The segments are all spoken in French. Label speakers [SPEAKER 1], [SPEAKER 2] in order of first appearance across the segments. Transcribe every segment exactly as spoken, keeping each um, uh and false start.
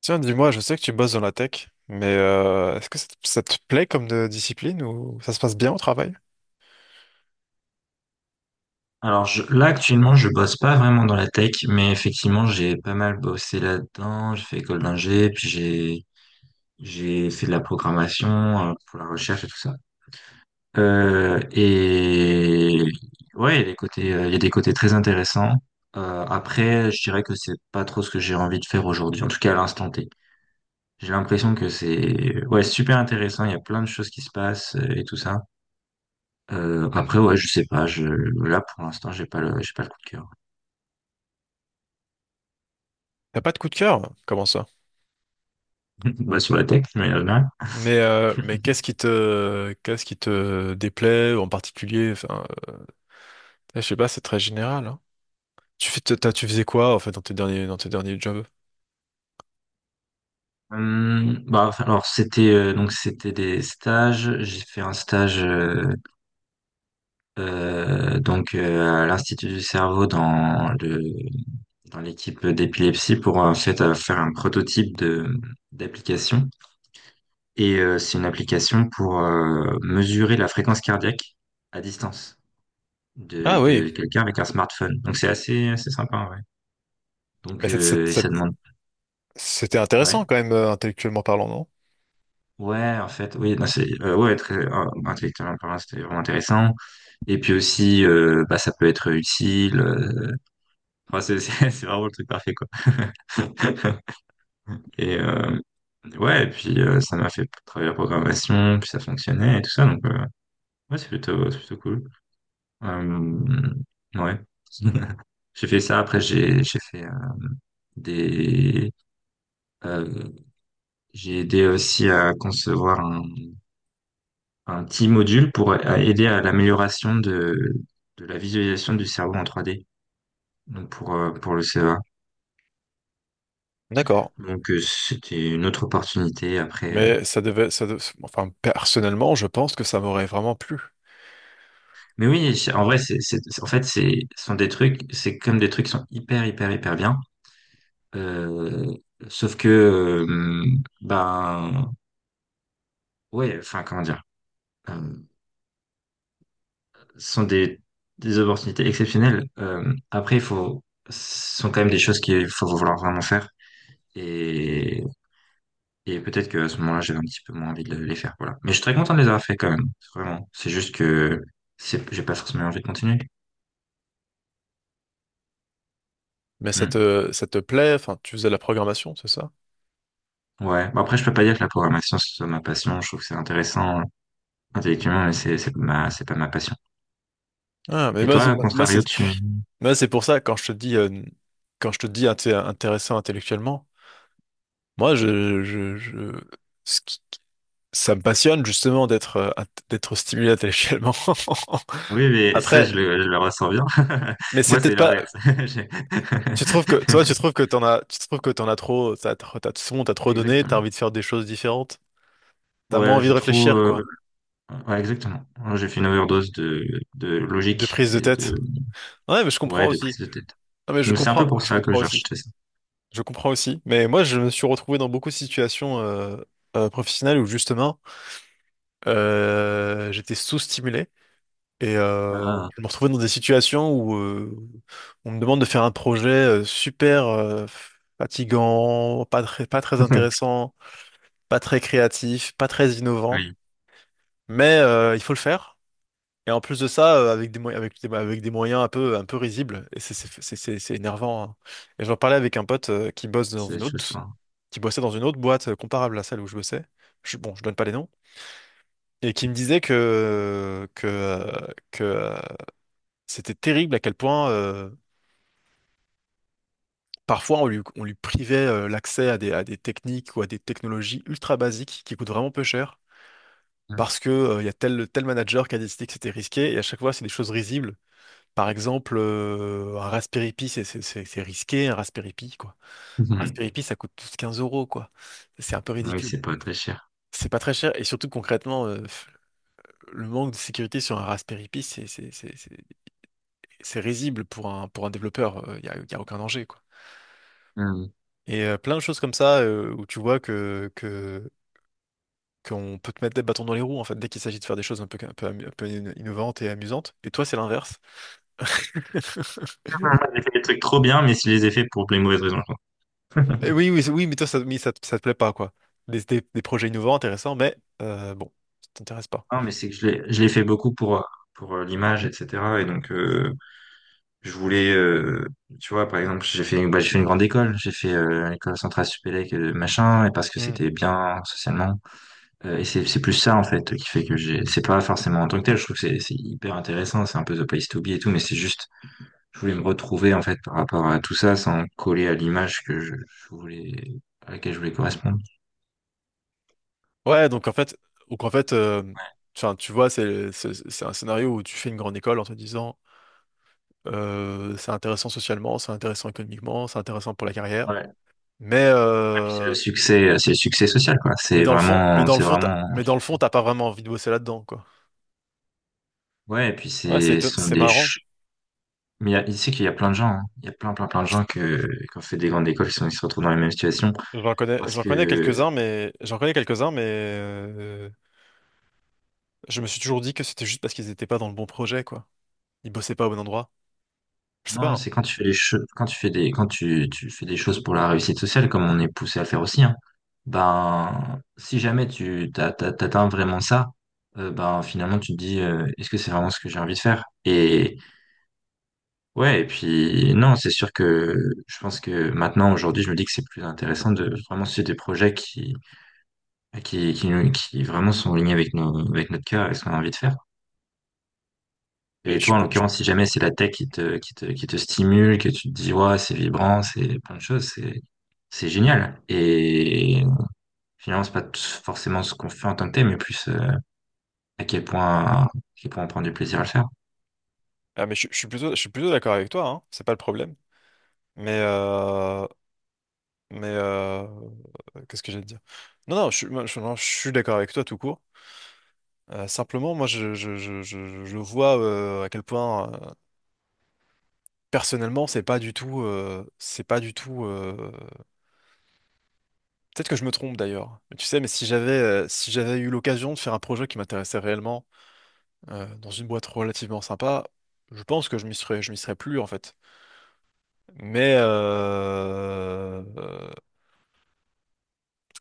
[SPEAKER 1] Tiens, dis-moi, je sais que tu bosses dans la tech, mais euh, est-ce que ça te, ça te plaît comme de- discipline ou ça se passe bien au travail?
[SPEAKER 2] Alors je- là actuellement je bosse pas vraiment dans la tech, mais effectivement j'ai pas mal bossé là-dedans. J'ai fait école d'ingé, puis j'ai j'ai fait de la programmation euh, pour la recherche et tout ça. Euh, et ouais, il y a des côtés, euh, il y a des côtés très intéressants. Euh, après, je dirais que c'est pas trop ce que j'ai envie de faire aujourd'hui, en tout cas à l'instant T. J'ai l'impression que c'est ouais super intéressant. Il y a plein de choses qui se passent euh, et tout ça. Euh, après ouais, je sais pas. Je Là pour l'instant j'ai pas le j'ai pas le coup de cœur.
[SPEAKER 1] T'as pas de coup de cœur? Comment ça?
[SPEAKER 2] Bah, sur la tech, mais euh, non.
[SPEAKER 1] Mais euh, mais qu'est-ce qui te qu'est-ce qui te déplaît en particulier? Enfin, euh, je sais pas, c'est très général, hein. Tu fais, t'as- tu faisais quoi en fait dans tes derniers dans tes derniers jobs?
[SPEAKER 2] Hum, bah, enfin, alors c'était euh, donc c'était des stages. J'ai fait un stage euh, euh, donc euh, à l'Institut du cerveau dans le dans l'équipe d'épilepsie pour en fait euh, faire un prototype de d'application. Et euh, c'est une application pour euh, mesurer la fréquence cardiaque à distance de
[SPEAKER 1] Ah oui,
[SPEAKER 2] de quelqu'un avec un smartphone. Donc c'est assez assez sympa ouais.
[SPEAKER 1] mais
[SPEAKER 2] Donc
[SPEAKER 1] cette, cette,
[SPEAKER 2] euh, et ça
[SPEAKER 1] cette-
[SPEAKER 2] demande
[SPEAKER 1] c'était
[SPEAKER 2] ouais.
[SPEAKER 1] intéressant quand même, euh, intellectuellement parlant, non?
[SPEAKER 2] Ouais, en fait, oui, non, c'est euh, ouais, très euh, intellectuellement parlant, c'était vraiment intéressant. Et puis aussi, euh, bah, ça peut être utile. euh, Enfin, c'est c'est- c'est vraiment le truc parfait, quoi. Et euh, ouais, et puis euh, ça m'a fait travailler la programmation, puis ça fonctionnait et tout ça. Donc euh, ouais, c'est plutôt, c'est plutôt cool. Euh, ouais. J'ai fait ça. Après, j'ai j'ai fait euh, des, euh, j'ai aidé aussi à concevoir un petit module pour a- aider à l'amélioration de, de la visualisation du cerveau en trois d. Donc pour, euh, pour le C E A.
[SPEAKER 1] D'accord.
[SPEAKER 2] Donc euh, c'était une autre opportunité après. euh.
[SPEAKER 1] Mais ça devait, ça de- enfin, personnellement, je pense que ça m'aurait vraiment plu.
[SPEAKER 2] Mais oui, c'est- en vrai, c'est, c'est- en fait, c'est, ce sont des trucs, c'est comme des trucs qui sont hyper, hyper, hyper bien. Euh, sauf que, euh, ben, ouais, enfin, comment dire, euh, ce sont des, des opportunités exceptionnelles. Euh, après, il faut, ce sont quand même des choses qu'il faut vouloir vraiment faire. Et Et peut-être que à ce moment-là, j'avais un petit peu moins envie de les faire, voilà. Mais je suis très content de les avoir fait quand même, vraiment. C'est juste que c'est, j'ai pas forcément envie de continuer.
[SPEAKER 1] Mais ça
[SPEAKER 2] Hmm.
[SPEAKER 1] te, ça te plaît, enfin, tu faisais de la programmation, c'est ça?
[SPEAKER 2] Ouais. Bon, après, je peux pas dire que la programmation ce soit ma passion. Je trouve que c'est intéressant euh, intellectuellement, mais c'est c'est ma c'est pas ma passion.
[SPEAKER 1] Ah, mais
[SPEAKER 2] Et
[SPEAKER 1] moi, c'est,
[SPEAKER 2] toi, à
[SPEAKER 1] moi, c'est
[SPEAKER 2] contrario, tu
[SPEAKER 1] moi, c'est pour ça, quand je te dis, euh, quand je te dis inté- intéressant intellectuellement, moi, je, je, je, ce qui- ça me passionne, justement, d'être, euh, int- d'être stimulé intellectuellement.
[SPEAKER 2] oui, mais ça,
[SPEAKER 1] Après,
[SPEAKER 2] je le je le ressens bien.
[SPEAKER 1] mais c'est
[SPEAKER 2] Moi, c'est
[SPEAKER 1] peut-être pas.
[SPEAKER 2] l'inverse. J'ai-
[SPEAKER 1] Tu trouves que, toi, tu trouves que t'en as, tu trouves que t'en as trop, t'as, t'as, t'as- c'est bon, t'as trop donné, t'as
[SPEAKER 2] Exactement.
[SPEAKER 1] envie de faire des choses différentes. T'as moins
[SPEAKER 2] Ouais,
[SPEAKER 1] envie de
[SPEAKER 2] j'ai trop.
[SPEAKER 1] réfléchir,
[SPEAKER 2] Euh,
[SPEAKER 1] quoi.
[SPEAKER 2] Ouais, exactement. Moi, j'ai fait une overdose de de
[SPEAKER 1] De
[SPEAKER 2] logique
[SPEAKER 1] prise de
[SPEAKER 2] et de
[SPEAKER 1] tête. Ouais, mais je comprends
[SPEAKER 2] ouais de
[SPEAKER 1] aussi.
[SPEAKER 2] prise de tête.
[SPEAKER 1] Non, mais je
[SPEAKER 2] Donc c'est un peu
[SPEAKER 1] comprends,
[SPEAKER 2] pour
[SPEAKER 1] je
[SPEAKER 2] ça que
[SPEAKER 1] comprends
[SPEAKER 2] j'ai
[SPEAKER 1] aussi.
[SPEAKER 2] rejeté ça.
[SPEAKER 1] Je comprends aussi. Mais moi, je me suis retrouvé dans beaucoup de situations, euh, euh, professionnelles où justement, euh, j'étais sous-stimulé. Et euh,
[SPEAKER 2] Ah,
[SPEAKER 1] je me retrouvais dans des situations où euh, on me demande de faire un projet euh, super euh, fatigant, pas très, pas très intéressant, pas très créatif, pas très innovant.
[SPEAKER 2] oui,
[SPEAKER 1] mais euh, il faut le faire. Et en plus de ça, euh, avec des, mo- avec des, avec des moyens un peu, un peu risibles, et c'est c'est- c'est- c'est- c'est énervant, hein. Et j'en parlais avec un pote euh, qui bosse dans
[SPEAKER 2] c'est
[SPEAKER 1] une autre,
[SPEAKER 2] juste ça.
[SPEAKER 1] qui bossait dans une autre boîte euh, comparable à celle où je bossais. Je, bon, je donne pas les noms. Et qui me disait que, que, euh, que euh, c'était terrible à quel point euh, parfois on lui, on lui privait euh, l'accès à des, à des techniques ou à des technologies ultra basiques qui coûtent vraiment peu cher, parce que euh, il y a tel, tel manager qui a décidé que c'était risqué et à chaque fois c'est des choses risibles. Par exemple, euh, un Raspberry Pi, c'est c'est- c'est- c'est risqué, un Raspberry Pi, quoi. Un
[SPEAKER 2] Mhm.
[SPEAKER 1] Raspberry Pi, ça coûte tous quinze euros, quoi. C'est un peu
[SPEAKER 2] Oui,
[SPEAKER 1] ridicule.
[SPEAKER 2] c'est pas très cher.
[SPEAKER 1] C'est pas très cher, et surtout concrètement, euh, f- le manque de sécurité sur un Raspberry Pi, c'est c'est- c'est- c'est- c'est risible pour un, pour un développeur. Il n'y a, y a aucun danger, quoi.
[SPEAKER 2] Hmm.
[SPEAKER 1] Et euh, plein de choses comme ça, euh, où tu vois que, que, qu'on peut te mettre des bâtons dans les roues, en fait, dès qu'il s'agit de faire des choses un peu, un peu, amu- un peu in- innovantes et amusantes. Et toi, c'est l'inverse.
[SPEAKER 2] J'ai fait des trucs trop bien, mais je les ai faits pour les mauvaises raisons. Quoi.
[SPEAKER 1] Mais oui, oui, oui, mais toi, ça, mais ça, te ça te plaît pas, quoi. Des, des- des projets innovants, intéressants, mais euh, bon, ça t'intéresse pas.
[SPEAKER 2] Non, mais c'est que je l'ai, je l'ai fait beaucoup pour, euh, pour euh, l'image, et cetera. Et donc, euh, je voulais, euh, tu vois, par exemple, j'ai fait, bah, j'ai fait une grande école. J'ai fait euh, l'école centrale Supélec, euh, machin, et parce que
[SPEAKER 1] Hmm.
[SPEAKER 2] c'était bien socialement. Euh, et c'est, c'est plus ça, en fait, qui fait que j'ai, c'est pas forcément en tant que tel. Je trouve que c'est, c'est hyper intéressant. C'est un peu the place to be et tout, mais c'est juste, je voulais me retrouver en fait par rapport à tout ça sans coller à l'image que je, je voulais à laquelle je voulais correspondre.
[SPEAKER 1] Ouais, donc en fait, donc en fait, euh, enfin, tu vois, c'est c'est c'est un scénario où tu fais une grande école en te disant, euh, c'est intéressant socialement, c'est intéressant économiquement, c'est intéressant pour la
[SPEAKER 2] Ouais.
[SPEAKER 1] carrière,
[SPEAKER 2] Ouais. Ouais,
[SPEAKER 1] mais
[SPEAKER 2] puis C'est le
[SPEAKER 1] euh,
[SPEAKER 2] succès, euh, c'est le succès social quoi.
[SPEAKER 1] mais
[SPEAKER 2] C'est
[SPEAKER 1] dans le fond, mais
[SPEAKER 2] vraiment,
[SPEAKER 1] dans le
[SPEAKER 2] c'est
[SPEAKER 1] fond, t'as-
[SPEAKER 2] vraiment le
[SPEAKER 1] mais dans le
[SPEAKER 2] succès.
[SPEAKER 1] fond, t'as pas vraiment envie de bosser là-dedans, quoi.
[SPEAKER 2] Ouais, et puis
[SPEAKER 1] Ouais, c'est
[SPEAKER 2] c'est,
[SPEAKER 1] éton-
[SPEAKER 2] ce sont
[SPEAKER 1] c'est
[SPEAKER 2] des,
[SPEAKER 1] marrant.
[SPEAKER 2] ch- Mais il y a- tu sais qu'il y a plein de gens, hein. Il y a plein, plein, plein de gens que, qui ont fait des grandes écoles qui sont, qui se retrouvent dans les mêmes situations
[SPEAKER 1] J'en connais,
[SPEAKER 2] parce
[SPEAKER 1] j'en connais
[SPEAKER 2] que
[SPEAKER 1] quelques-uns, mais j'en connais quelques-uns, mais euh, je me suis toujours dit que c'était juste parce qu'ils étaient pas dans le bon projet, quoi. Ils bossaient pas au bon endroit. Je sais pas,
[SPEAKER 2] non,
[SPEAKER 1] hein.
[SPEAKER 2] c'est quand tu fais les che- quand tu fais des quand tu, tu fais des choses pour la réussite sociale, comme on est poussé à le faire aussi, hein, ben si jamais tu t'as- t'as- t'atteins vraiment ça, euh, ben finalement tu te dis euh, est-ce que c'est vraiment ce que j'ai envie de faire? Et ouais, et puis non, c'est sûr que je pense que maintenant, aujourd'hui, je me dis que c'est plus intéressant de vraiment suivre des projets qui qui qui, nous- qui vraiment sont alignés avec nos avec notre cœur et ce qu'on a envie de faire.
[SPEAKER 1] Mais
[SPEAKER 2] Et
[SPEAKER 1] je suis
[SPEAKER 2] toi, en
[SPEAKER 1] plus, je-
[SPEAKER 2] l'occurrence, si jamais c'est la tech qui te, qui te, qui te stimule, que tu te dis, ouais, c'est vibrant, c'est plein de choses, c'est, c'est génial. Et finalement, c'est pas t- forcément ce qu'on fait en tant que tel, mais plus euh, à quel point, à quel point on prend du plaisir à le faire.
[SPEAKER 1] Ah, mais je, je suis plutôt, je suis plutôt d'accord avec toi, hein. C'est pas le problème. Mais, euh, mais euh, qu'est-ce que j'allais te dire? Non, non, je, suis- moi, je, non, je suis d'accord avec toi tout court. Euh, simplement, moi, je, je, je, je, je vois euh, à quel point, euh, personnellement, c'est pas du tout, euh, c'est pas du tout. euh, Peut-être que je me trompe d'ailleurs. Mais tu sais, mais si j'avais, euh, si j'avais eu l'occasion de faire un projet qui m'intéressait réellement euh, dans une boîte relativement sympa, je pense que je m'y serais, je m'y serais plus en fait. Mais euh, euh,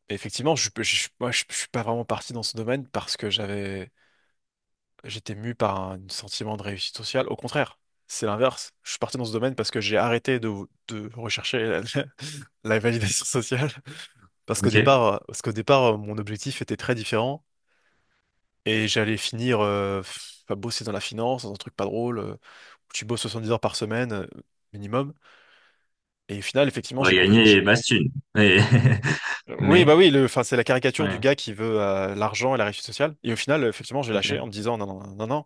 [SPEAKER 1] effectivement, je, je, je- moi, je, je suis pas vraiment parti dans ce domaine parce que j'avais, j'étais mu par un sentiment de réussite sociale. Au contraire, c'est l'inverse. Je suis parti dans ce domaine parce que j'ai arrêté de, de rechercher la, la validation sociale. Parce qu'au
[SPEAKER 2] Ok.
[SPEAKER 1] départ, parce qu'au départ, mon objectif était très différent et j'allais finir euh, à bosser dans la finance, dans un truc pas drôle, euh, où tu bosses soixante-dix heures par semaine euh, minimum. Et au final, effectivement,
[SPEAKER 2] On va
[SPEAKER 1] j'ai compris.
[SPEAKER 2] gagner Bastune. Mais,
[SPEAKER 1] Oui, bah
[SPEAKER 2] mais,
[SPEAKER 1] oui, le, enfin, c'est la caricature du
[SPEAKER 2] ouais,
[SPEAKER 1] gars qui veut euh, l'argent et la réussite sociale. Et au final, euh, effectivement, j'ai lâché en me
[SPEAKER 2] ok.
[SPEAKER 1] disant non, non, non, non, non,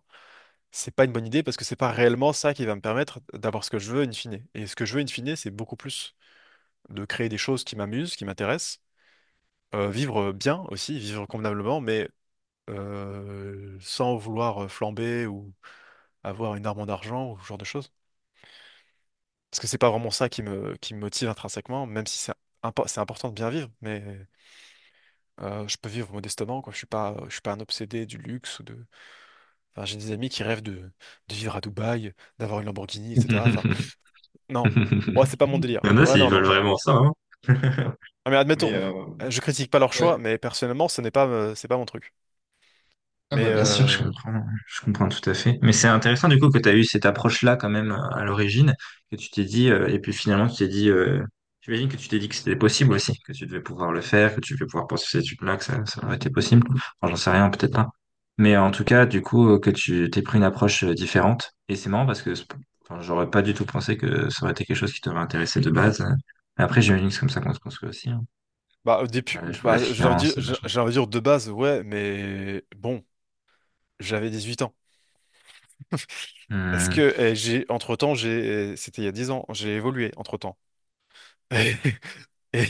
[SPEAKER 1] c'est pas une bonne idée parce que c'est pas réellement ça qui va me permettre d'avoir ce que je veux in fine. Et ce que je veux in fine, c'est beaucoup plus de créer des choses qui m'amusent, qui m'intéressent, euh, vivre bien aussi, vivre convenablement, mais euh, sans vouloir euh, flamber ou avoir une arme en argent ou ce genre de choses. Parce que c'est pas vraiment ça qui me, qui me motive intrinsèquement, même si c'est impo- c'est important de bien vivre. Mais. Euh, je peux vivre modestement, quoi. Je suis pas, je suis pas un obsédé du luxe. Ou de. Enfin, j'ai des amis qui rêvent de, de vivre à Dubaï, d'avoir une Lamborghini, et cetera. Enfin, non, moi c'est pas mon
[SPEAKER 2] Il
[SPEAKER 1] délire.
[SPEAKER 2] y en a,
[SPEAKER 1] Ouais,
[SPEAKER 2] s'ils
[SPEAKER 1] non,
[SPEAKER 2] veulent
[SPEAKER 1] non.
[SPEAKER 2] vraiment ça, hein.
[SPEAKER 1] Ah, mais admettons,
[SPEAKER 2] Mais, euh,
[SPEAKER 1] euh, je critique pas leur choix,
[SPEAKER 2] ouais.
[SPEAKER 1] mais personnellement, ce n'est pas, euh, c'est pas mon truc.
[SPEAKER 2] Ah
[SPEAKER 1] Mais
[SPEAKER 2] bah bien sûr, je
[SPEAKER 1] euh,
[SPEAKER 2] comprends, je comprends tout à fait. Mais c'est intéressant du coup que tu as eu cette approche-là quand même euh, à l'origine, que tu t'es dit, euh, et puis finalement tu t'es dit, euh, j'imagine que tu t'es dit que c'était possible aussi, que tu devais pouvoir le faire, que tu devais pouvoir poursuivre cette étude-là, que ça, ça aurait été possible. Enfin, j'en sais rien, peut-être pas. Mais en tout cas, du coup, euh, que tu t'es pris une approche euh, différente. Et c'est marrant parce que c'est- enfin, j'aurais pas du tout pensé que ça aurait été quelque chose qui t'aurait intéressé de base. Mais après, j'imagine que c'est comme ça qu'on se construit aussi. Hein.
[SPEAKER 1] bah, depuis,
[SPEAKER 2] Euh, je vois la
[SPEAKER 1] bah, j'ai envie de dire,
[SPEAKER 2] finance,
[SPEAKER 1] j'ai
[SPEAKER 2] machin.
[SPEAKER 1] j'ai envie de dire de base, ouais, mais bon, j'avais dix-huit ans. Est-ce que
[SPEAKER 2] Hum,
[SPEAKER 1] euh, j'ai, entre-temps, j'ai, eh, c'était il y a dix ans, j'ai évolué entre-temps. Et,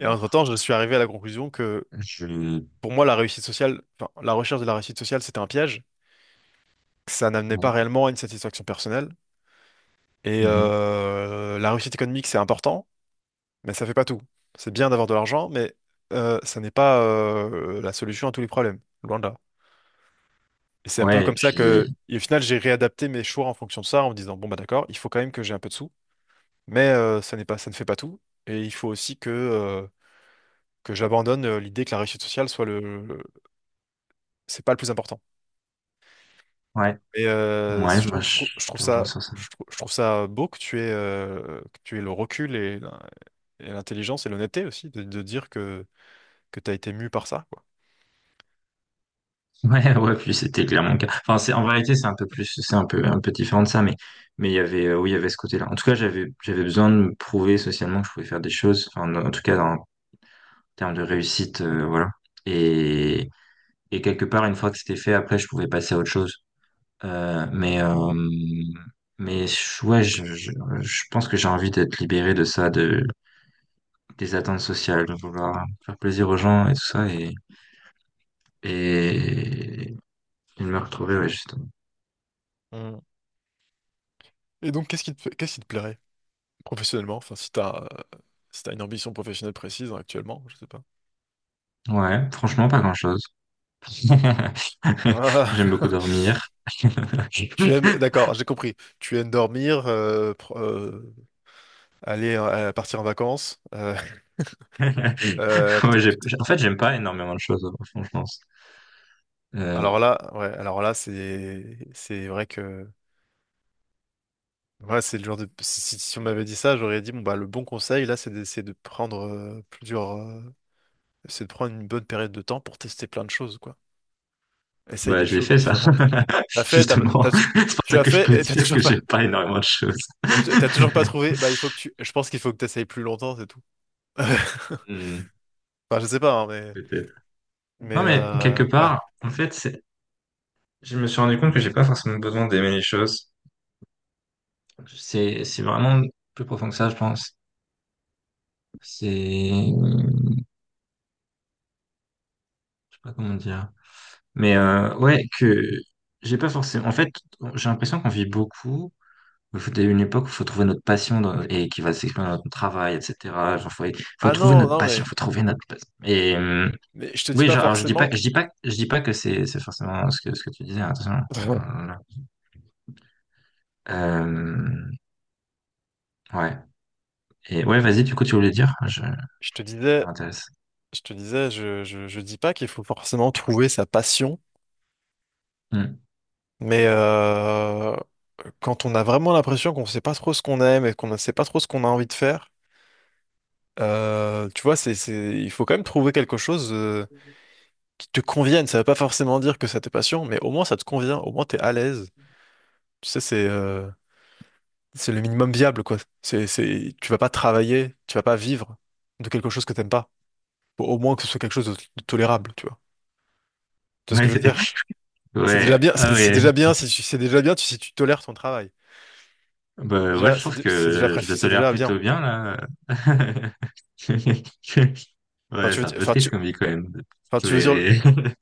[SPEAKER 1] et entre-temps, je suis arrivé à la conclusion que
[SPEAKER 2] je...
[SPEAKER 1] pour moi, la réussite sociale, enfin, la recherche de la réussite sociale, c'était un piège. Ça n'amenait pas
[SPEAKER 2] bon.
[SPEAKER 1] réellement à une satisfaction personnelle. Et
[SPEAKER 2] Mhm.
[SPEAKER 1] euh, la réussite économique, c'est important, mais ça fait pas tout. C'est bien d'avoir de l'argent, mais euh, ça n'est pas euh, la solution à tous les problèmes, loin de là. Et c'est un peu
[SPEAKER 2] Ouais, et
[SPEAKER 1] comme ça que,
[SPEAKER 2] puis,
[SPEAKER 1] et au final, j'ai réadapté mes choix en fonction de ça, en me disant, bon, bah d'accord, il faut quand même que j'ai un peu de sous, mais euh, ça n'est pas, ça ne fait pas tout. Et il faut aussi que, euh, que j'abandonne euh, l'idée que la réussite sociale soit le, le- c'est pas le plus important.
[SPEAKER 2] ouais,
[SPEAKER 1] Mais euh,
[SPEAKER 2] ouais,
[SPEAKER 1] je
[SPEAKER 2] moi,
[SPEAKER 1] trouve, je
[SPEAKER 2] je
[SPEAKER 1] trouve, je
[SPEAKER 2] je
[SPEAKER 1] trouve
[SPEAKER 2] te rejoins
[SPEAKER 1] ça,
[SPEAKER 2] sur ça.
[SPEAKER 1] je trouve, je trouve ça beau que tu aies, euh, que tu aies le recul et, l'in- et l'intelligence et l'honnêteté aussi de, de dire que, que tu as été mu par ça, quoi.
[SPEAKER 2] Ouais, ouais, puis c'était clairement le cas. Enfin, c'est, en vérité, c'est un peu plus, c'est un peu, un peu différent de ça, mais, mais il y avait, euh, oui, il y avait ce côté-là. En tout cas, j'avais, j'avais besoin de me prouver socialement que je pouvais faire des choses, enfin, en en tout cas, en termes de réussite, euh, voilà. Et, et quelque part, une fois que c'était fait, après, je pouvais passer à autre chose. Euh, mais, euh, mais, je- ouais, je, je, je pense que j'ai envie d'être libéré de ça, de, des attentes sociales, de vouloir faire plaisir aux gens et tout ça. Et il me retrouvait, ouais, justement.
[SPEAKER 1] Mm. Et donc, qu'est-ce qui te, qu'est-ce qui te plairait professionnellement? Enfin, si tu as, si t'as une ambition professionnelle précise hein, actuellement, je sais pas.
[SPEAKER 2] Ouais, franchement, pas grand-chose.
[SPEAKER 1] Ah,
[SPEAKER 2] J'aime beaucoup dormir.
[SPEAKER 1] tu aimes, d'accord, j'ai compris. Tu aimes dormir, euh, pro- euh, Aller euh, partir en vacances. Euh, euh, peut-
[SPEAKER 2] Ouais, j'ai-
[SPEAKER 1] peut-
[SPEAKER 2] j'ai- en fait, j'aime pas énormément de choses, au fond, je pense.
[SPEAKER 1] alors
[SPEAKER 2] Euh,
[SPEAKER 1] là, ouais, alors là, c'est c'est vrai que ouais, c'est le genre de si, si- si on m'avait dit ça, j'aurais dit bon bah le bon conseil là, c'est de, c'est de prendre euh, plusieurs, euh, c'est de prendre une bonne période de temps pour tester plein de choses, quoi. Essaye
[SPEAKER 2] ouais,
[SPEAKER 1] des
[SPEAKER 2] j'ai
[SPEAKER 1] choses
[SPEAKER 2] fait ça,
[SPEAKER 1] différentes, hein. T'as fait, t'as,
[SPEAKER 2] justement.
[SPEAKER 1] t'as-
[SPEAKER 2] C'est pour
[SPEAKER 1] Tu
[SPEAKER 2] ça
[SPEAKER 1] as
[SPEAKER 2] que je
[SPEAKER 1] fait
[SPEAKER 2] peux
[SPEAKER 1] et t'as
[SPEAKER 2] dire
[SPEAKER 1] toujours
[SPEAKER 2] que
[SPEAKER 1] pas,
[SPEAKER 2] j'aime pas énormément de choses.
[SPEAKER 1] t'as t'as toujours pas trouvé. Bah il faut que tu, je pense qu'il faut que t'essayes plus longtemps, c'est tout. Enfin
[SPEAKER 2] Hmm,
[SPEAKER 1] je sais pas, hein, mais
[SPEAKER 2] peut-être.
[SPEAKER 1] mais
[SPEAKER 2] Non, mais quelque
[SPEAKER 1] euh, ouais.
[SPEAKER 2] part, en fait, c'est- je me suis rendu compte que j'ai pas forcément besoin d'aimer les choses. C'est, c'est vraiment plus profond que ça, je pense. C'est je sais pas comment dire. Mais euh, ouais, que j'ai pas forcément. En fait, j'ai l'impression qu'on vit beaucoup. Il faut il y a une époque où il faut trouver notre passion dans- et qui va s'exprimer dans notre travail, et cetera. Genre, faut, faut
[SPEAKER 1] Ah
[SPEAKER 2] trouver
[SPEAKER 1] non
[SPEAKER 2] notre
[SPEAKER 1] non
[SPEAKER 2] passion,
[SPEAKER 1] mais
[SPEAKER 2] faut trouver notre passion. Et euh,
[SPEAKER 1] mais je te dis
[SPEAKER 2] oui,
[SPEAKER 1] pas
[SPEAKER 2] genre, alors je dis pas,
[SPEAKER 1] forcément.
[SPEAKER 2] je dis pas, je dis pas que c'est c'est forcément ce que ce que tu disais. Hein, Attention. Euh, euh, ouais. Et ouais, vas-y. Du coup, tu voulais dire? Je, ça
[SPEAKER 1] Je te disais,
[SPEAKER 2] m'intéresse.
[SPEAKER 1] je te disais, je, je, je dis pas qu'il faut forcément trouver sa passion,
[SPEAKER 2] Hmm.
[SPEAKER 1] mais euh, quand on a vraiment l'impression qu'on sait pas trop ce qu'on aime et qu'on ne sait pas trop ce qu'on a envie de faire, euh, tu vois, c'est, c'est, il faut quand même trouver quelque chose euh, qui te convienne. Ça veut pas forcément dire que c'est ta passion, mais au moins ça te convient, au moins t'es à l'aise. Tu sais, c'est euh, c'est le minimum viable, quoi. C'est, c'est, tu vas pas travailler, tu vas pas vivre de quelque chose que t'aimes pas. Faut au moins que ce soit quelque chose de, de tolérable, tu vois. Tu vois ce que
[SPEAKER 2] Ouais.
[SPEAKER 1] je veux dire? C'est déjà
[SPEAKER 2] Ouais.
[SPEAKER 1] bien,
[SPEAKER 2] Ah
[SPEAKER 1] c'est c'est
[SPEAKER 2] ouais.
[SPEAKER 1] déjà bien si tu, c'est déjà bien tu- si tu tolères ton travail.
[SPEAKER 2] Bah ouais,
[SPEAKER 1] Déjà,
[SPEAKER 2] je
[SPEAKER 1] c'est
[SPEAKER 2] trouve
[SPEAKER 1] dé- c'est déjà
[SPEAKER 2] que
[SPEAKER 1] préf-
[SPEAKER 2] je le
[SPEAKER 1] c'est
[SPEAKER 2] tolère
[SPEAKER 1] déjà bien.
[SPEAKER 2] plutôt bien là.
[SPEAKER 1] Enfin,
[SPEAKER 2] Ouais,
[SPEAKER 1] tu veux
[SPEAKER 2] c'est un
[SPEAKER 1] dire,
[SPEAKER 2] peu
[SPEAKER 1] enfin,
[SPEAKER 2] triste
[SPEAKER 1] tu,
[SPEAKER 2] comme vie quand même. De
[SPEAKER 1] enfin, Tu veux dire, le-
[SPEAKER 2] tolérer.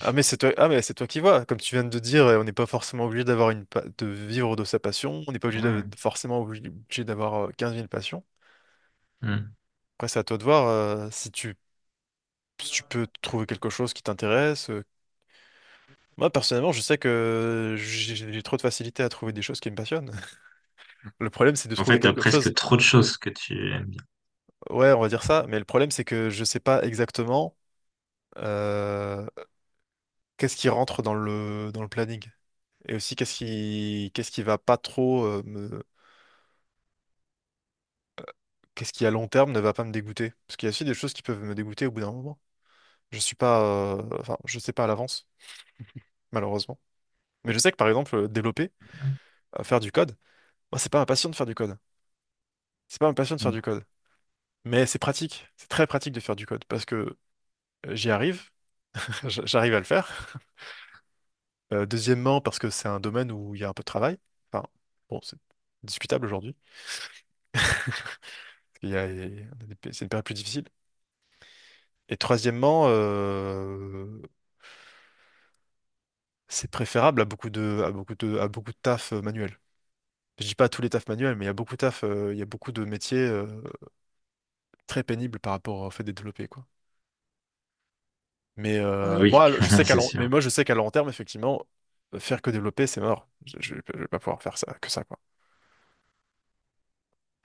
[SPEAKER 1] ah mais c'est toi, ah mais c'est toi qui vois. Comme tu viens de dire, euh, on n'est pas forcément obligé d'avoir une, pa- de vivre de sa passion. On n'est pas obligé de,
[SPEAKER 2] Ouais.
[SPEAKER 1] forcément obligé d'avoir euh, quinze mille passions.
[SPEAKER 2] Hmm.
[SPEAKER 1] Après, c'est à toi de voir euh, si tu, si tu peux trouver quelque chose qui t'intéresse. euh. Moi, personnellement, je sais que j'ai j'ai trop de facilité à trouver des choses qui me passionnent. Le problème, c'est de
[SPEAKER 2] En
[SPEAKER 1] trouver
[SPEAKER 2] fait, t'as
[SPEAKER 1] quelque chose.
[SPEAKER 2] presque trop de choses que tu aimes bien.
[SPEAKER 1] Ouais, on va dire ça, mais le problème, c'est que je sais pas exactement. euh, Qu'est-ce qui rentre dans le, dans le planning? Et aussi, qu'est-ce qui, qu'est-ce qui va pas trop euh, me, qu'est-ce qui à long terme ne va pas me dégoûter? Parce qu'il y a aussi des choses qui peuvent me dégoûter au bout d'un moment. Je suis pas, euh, enfin, je sais pas à l'avance, malheureusement. Mais je sais que par exemple, euh, développer, euh, faire du code, moi, c'est pas ma passion de faire du code. C'est pas ma passion de faire
[SPEAKER 2] Hmm.
[SPEAKER 1] du code. Mais c'est pratique. C'est très pratique de faire du code parce que euh, j'y arrive, j- j'arrive à le faire. Euh, deuxièmement, parce que c'est un domaine où il y a un peu de travail. Enfin, bon, c'est discutable aujourd'hui. Il y a, il y a- des C'est une période plus difficile. Et troisièmement, euh, c'est préférable à beaucoup de, à beaucoup de, à beaucoup de taf euh, manuel. Je dis pas à tous les tafs manuels, mais il y a beaucoup de taf, euh, il y a beaucoup de métiers euh, très pénibles par rapport au fait de développer, quoi. Mais
[SPEAKER 2] Ah
[SPEAKER 1] euh,
[SPEAKER 2] oui,
[SPEAKER 1] moi, je sais qu'à
[SPEAKER 2] c'est
[SPEAKER 1] long,
[SPEAKER 2] sûr.
[SPEAKER 1] mais moi, je sais qu'à long terme, effectivement, euh, faire que développer, c'est mort. Je, je, vais pas je vais pas pouvoir faire ça, que ça, quoi.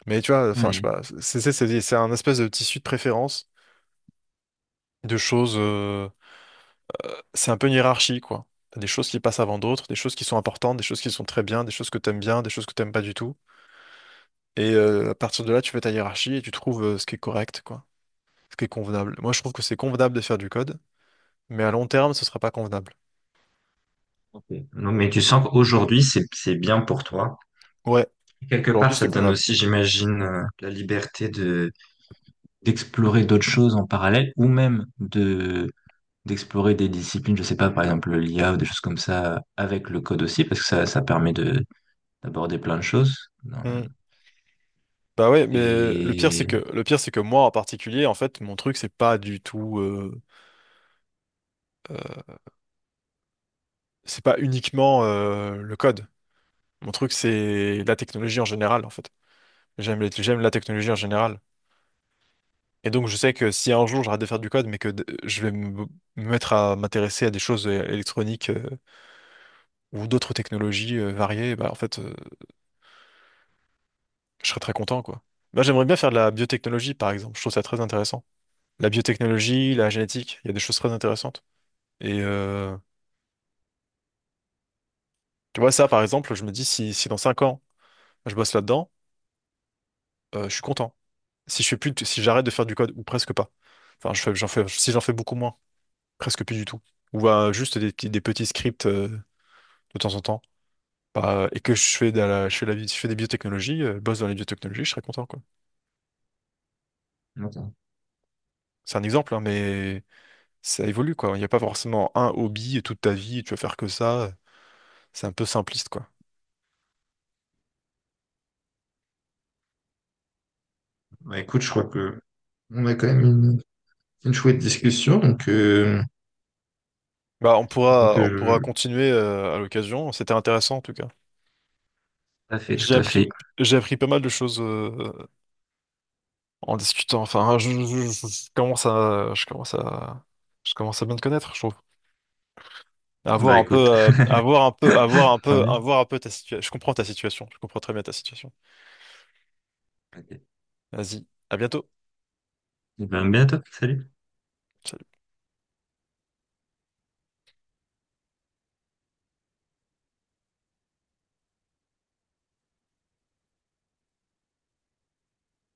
[SPEAKER 1] Mais tu vois, enfin, je sais
[SPEAKER 2] Hmm.
[SPEAKER 1] pas. C'est c'est- c'est- c'est un espèce de tissu de préférence, de choses. Euh, c'est un peu une hiérarchie, quoi. T'as des choses qui passent avant d'autres, des choses qui sont importantes, des choses qui sont très bien, des choses que t'aimes bien, des choses que t'aimes pas du tout. Et euh, à partir de là, tu fais ta hiérarchie et tu trouves euh, ce qui est correct, quoi. Ce qui est convenable. Moi, je trouve que c'est convenable de faire du code, mais à long terme, ce sera pas convenable.
[SPEAKER 2] Ok. Non, mais tu sens qu'aujourd'hui, c'est c'est bien pour toi.
[SPEAKER 1] Ouais,
[SPEAKER 2] Quelque part,
[SPEAKER 1] aujourd'hui,
[SPEAKER 2] ça
[SPEAKER 1] c'est
[SPEAKER 2] te donne
[SPEAKER 1] convenable.
[SPEAKER 2] aussi, j'imagine, euh, la liberté de d'explorer d'autres choses en parallèle ou même de d'explorer des disciplines, je sais pas, par exemple l'I A ou des choses comme ça, avec le code aussi, parce que ça, ça permet de d'aborder plein de choses. Non.
[SPEAKER 1] Hmm. Bah ouais, mais le pire c'est
[SPEAKER 2] Et
[SPEAKER 1] que le pire c'est que moi en particulier, en fait, mon truc c'est pas du tout, euh, euh, c'est pas uniquement euh, le code. Mon truc c'est la technologie en général, en fait. J'aime les- j'aime la technologie en général. Et donc je sais que si un jour j'arrête de faire du code, mais que d- je vais me, me mettre à m'intéresser à des choses é- électroniques euh, ou d'autres technologies euh, variées, bah en fait, euh, je serais très content quoi. Moi j'aimerais bien faire de la biotechnologie par exemple. Je trouve ça très intéressant. La biotechnologie,
[SPEAKER 2] ok.
[SPEAKER 1] la génétique, il y a des choses très intéressantes. Et euh, tu vois, ça, par exemple, je me dis si, si dans cinq ans, je bosse là-dedans, euh, je suis content. Si je fais plus, de- si j'arrête de faire du code, ou presque pas. Enfin, je fais, j'en fais, si j'en fais beaucoup moins, presque plus du tout. Ou euh, juste des, petits- des petits scripts euh, de temps en temps. Bah, et que je fais, de la, je fais, la bi- je fais des biotechnologies, euh, je bosse dans les biotechnologies, je serais content, quoi.
[SPEAKER 2] D'accord.
[SPEAKER 1] C'est un exemple, hein, mais ça évolue, quoi. Il n'y a pas forcément un hobby et toute ta vie, tu vas faire que ça. C'est un peu simpliste, quoi.
[SPEAKER 2] Bah, écoute, je crois que on a quand même une, une chouette discussion, donc, euh,
[SPEAKER 1] Bah, on
[SPEAKER 2] donc
[SPEAKER 1] pourra, on pourra
[SPEAKER 2] euh,
[SPEAKER 1] continuer euh, à l'occasion. C'était intéressant en tout cas.
[SPEAKER 2] tout à fait,
[SPEAKER 1] J'ai
[SPEAKER 2] tout à
[SPEAKER 1] appris,
[SPEAKER 2] fait.
[SPEAKER 1] j'ai appris pas mal de choses euh, en discutant. Enfin, je, je- je- je commence à, je commence à, je commence à bien te connaître, je trouve. À voir
[SPEAKER 2] Bah
[SPEAKER 1] un peu,
[SPEAKER 2] écoute,
[SPEAKER 1] euh, à voir un peu, à voir un
[SPEAKER 2] tant
[SPEAKER 1] peu,
[SPEAKER 2] mieux.
[SPEAKER 1] À voir un peu ta situation. Je comprends ta situation. Je comprends très bien ta situation.
[SPEAKER 2] Ok.
[SPEAKER 1] Vas-y, à bientôt.
[SPEAKER 2] Eh ben, à bientôt, salut.
[SPEAKER 1] Ciao.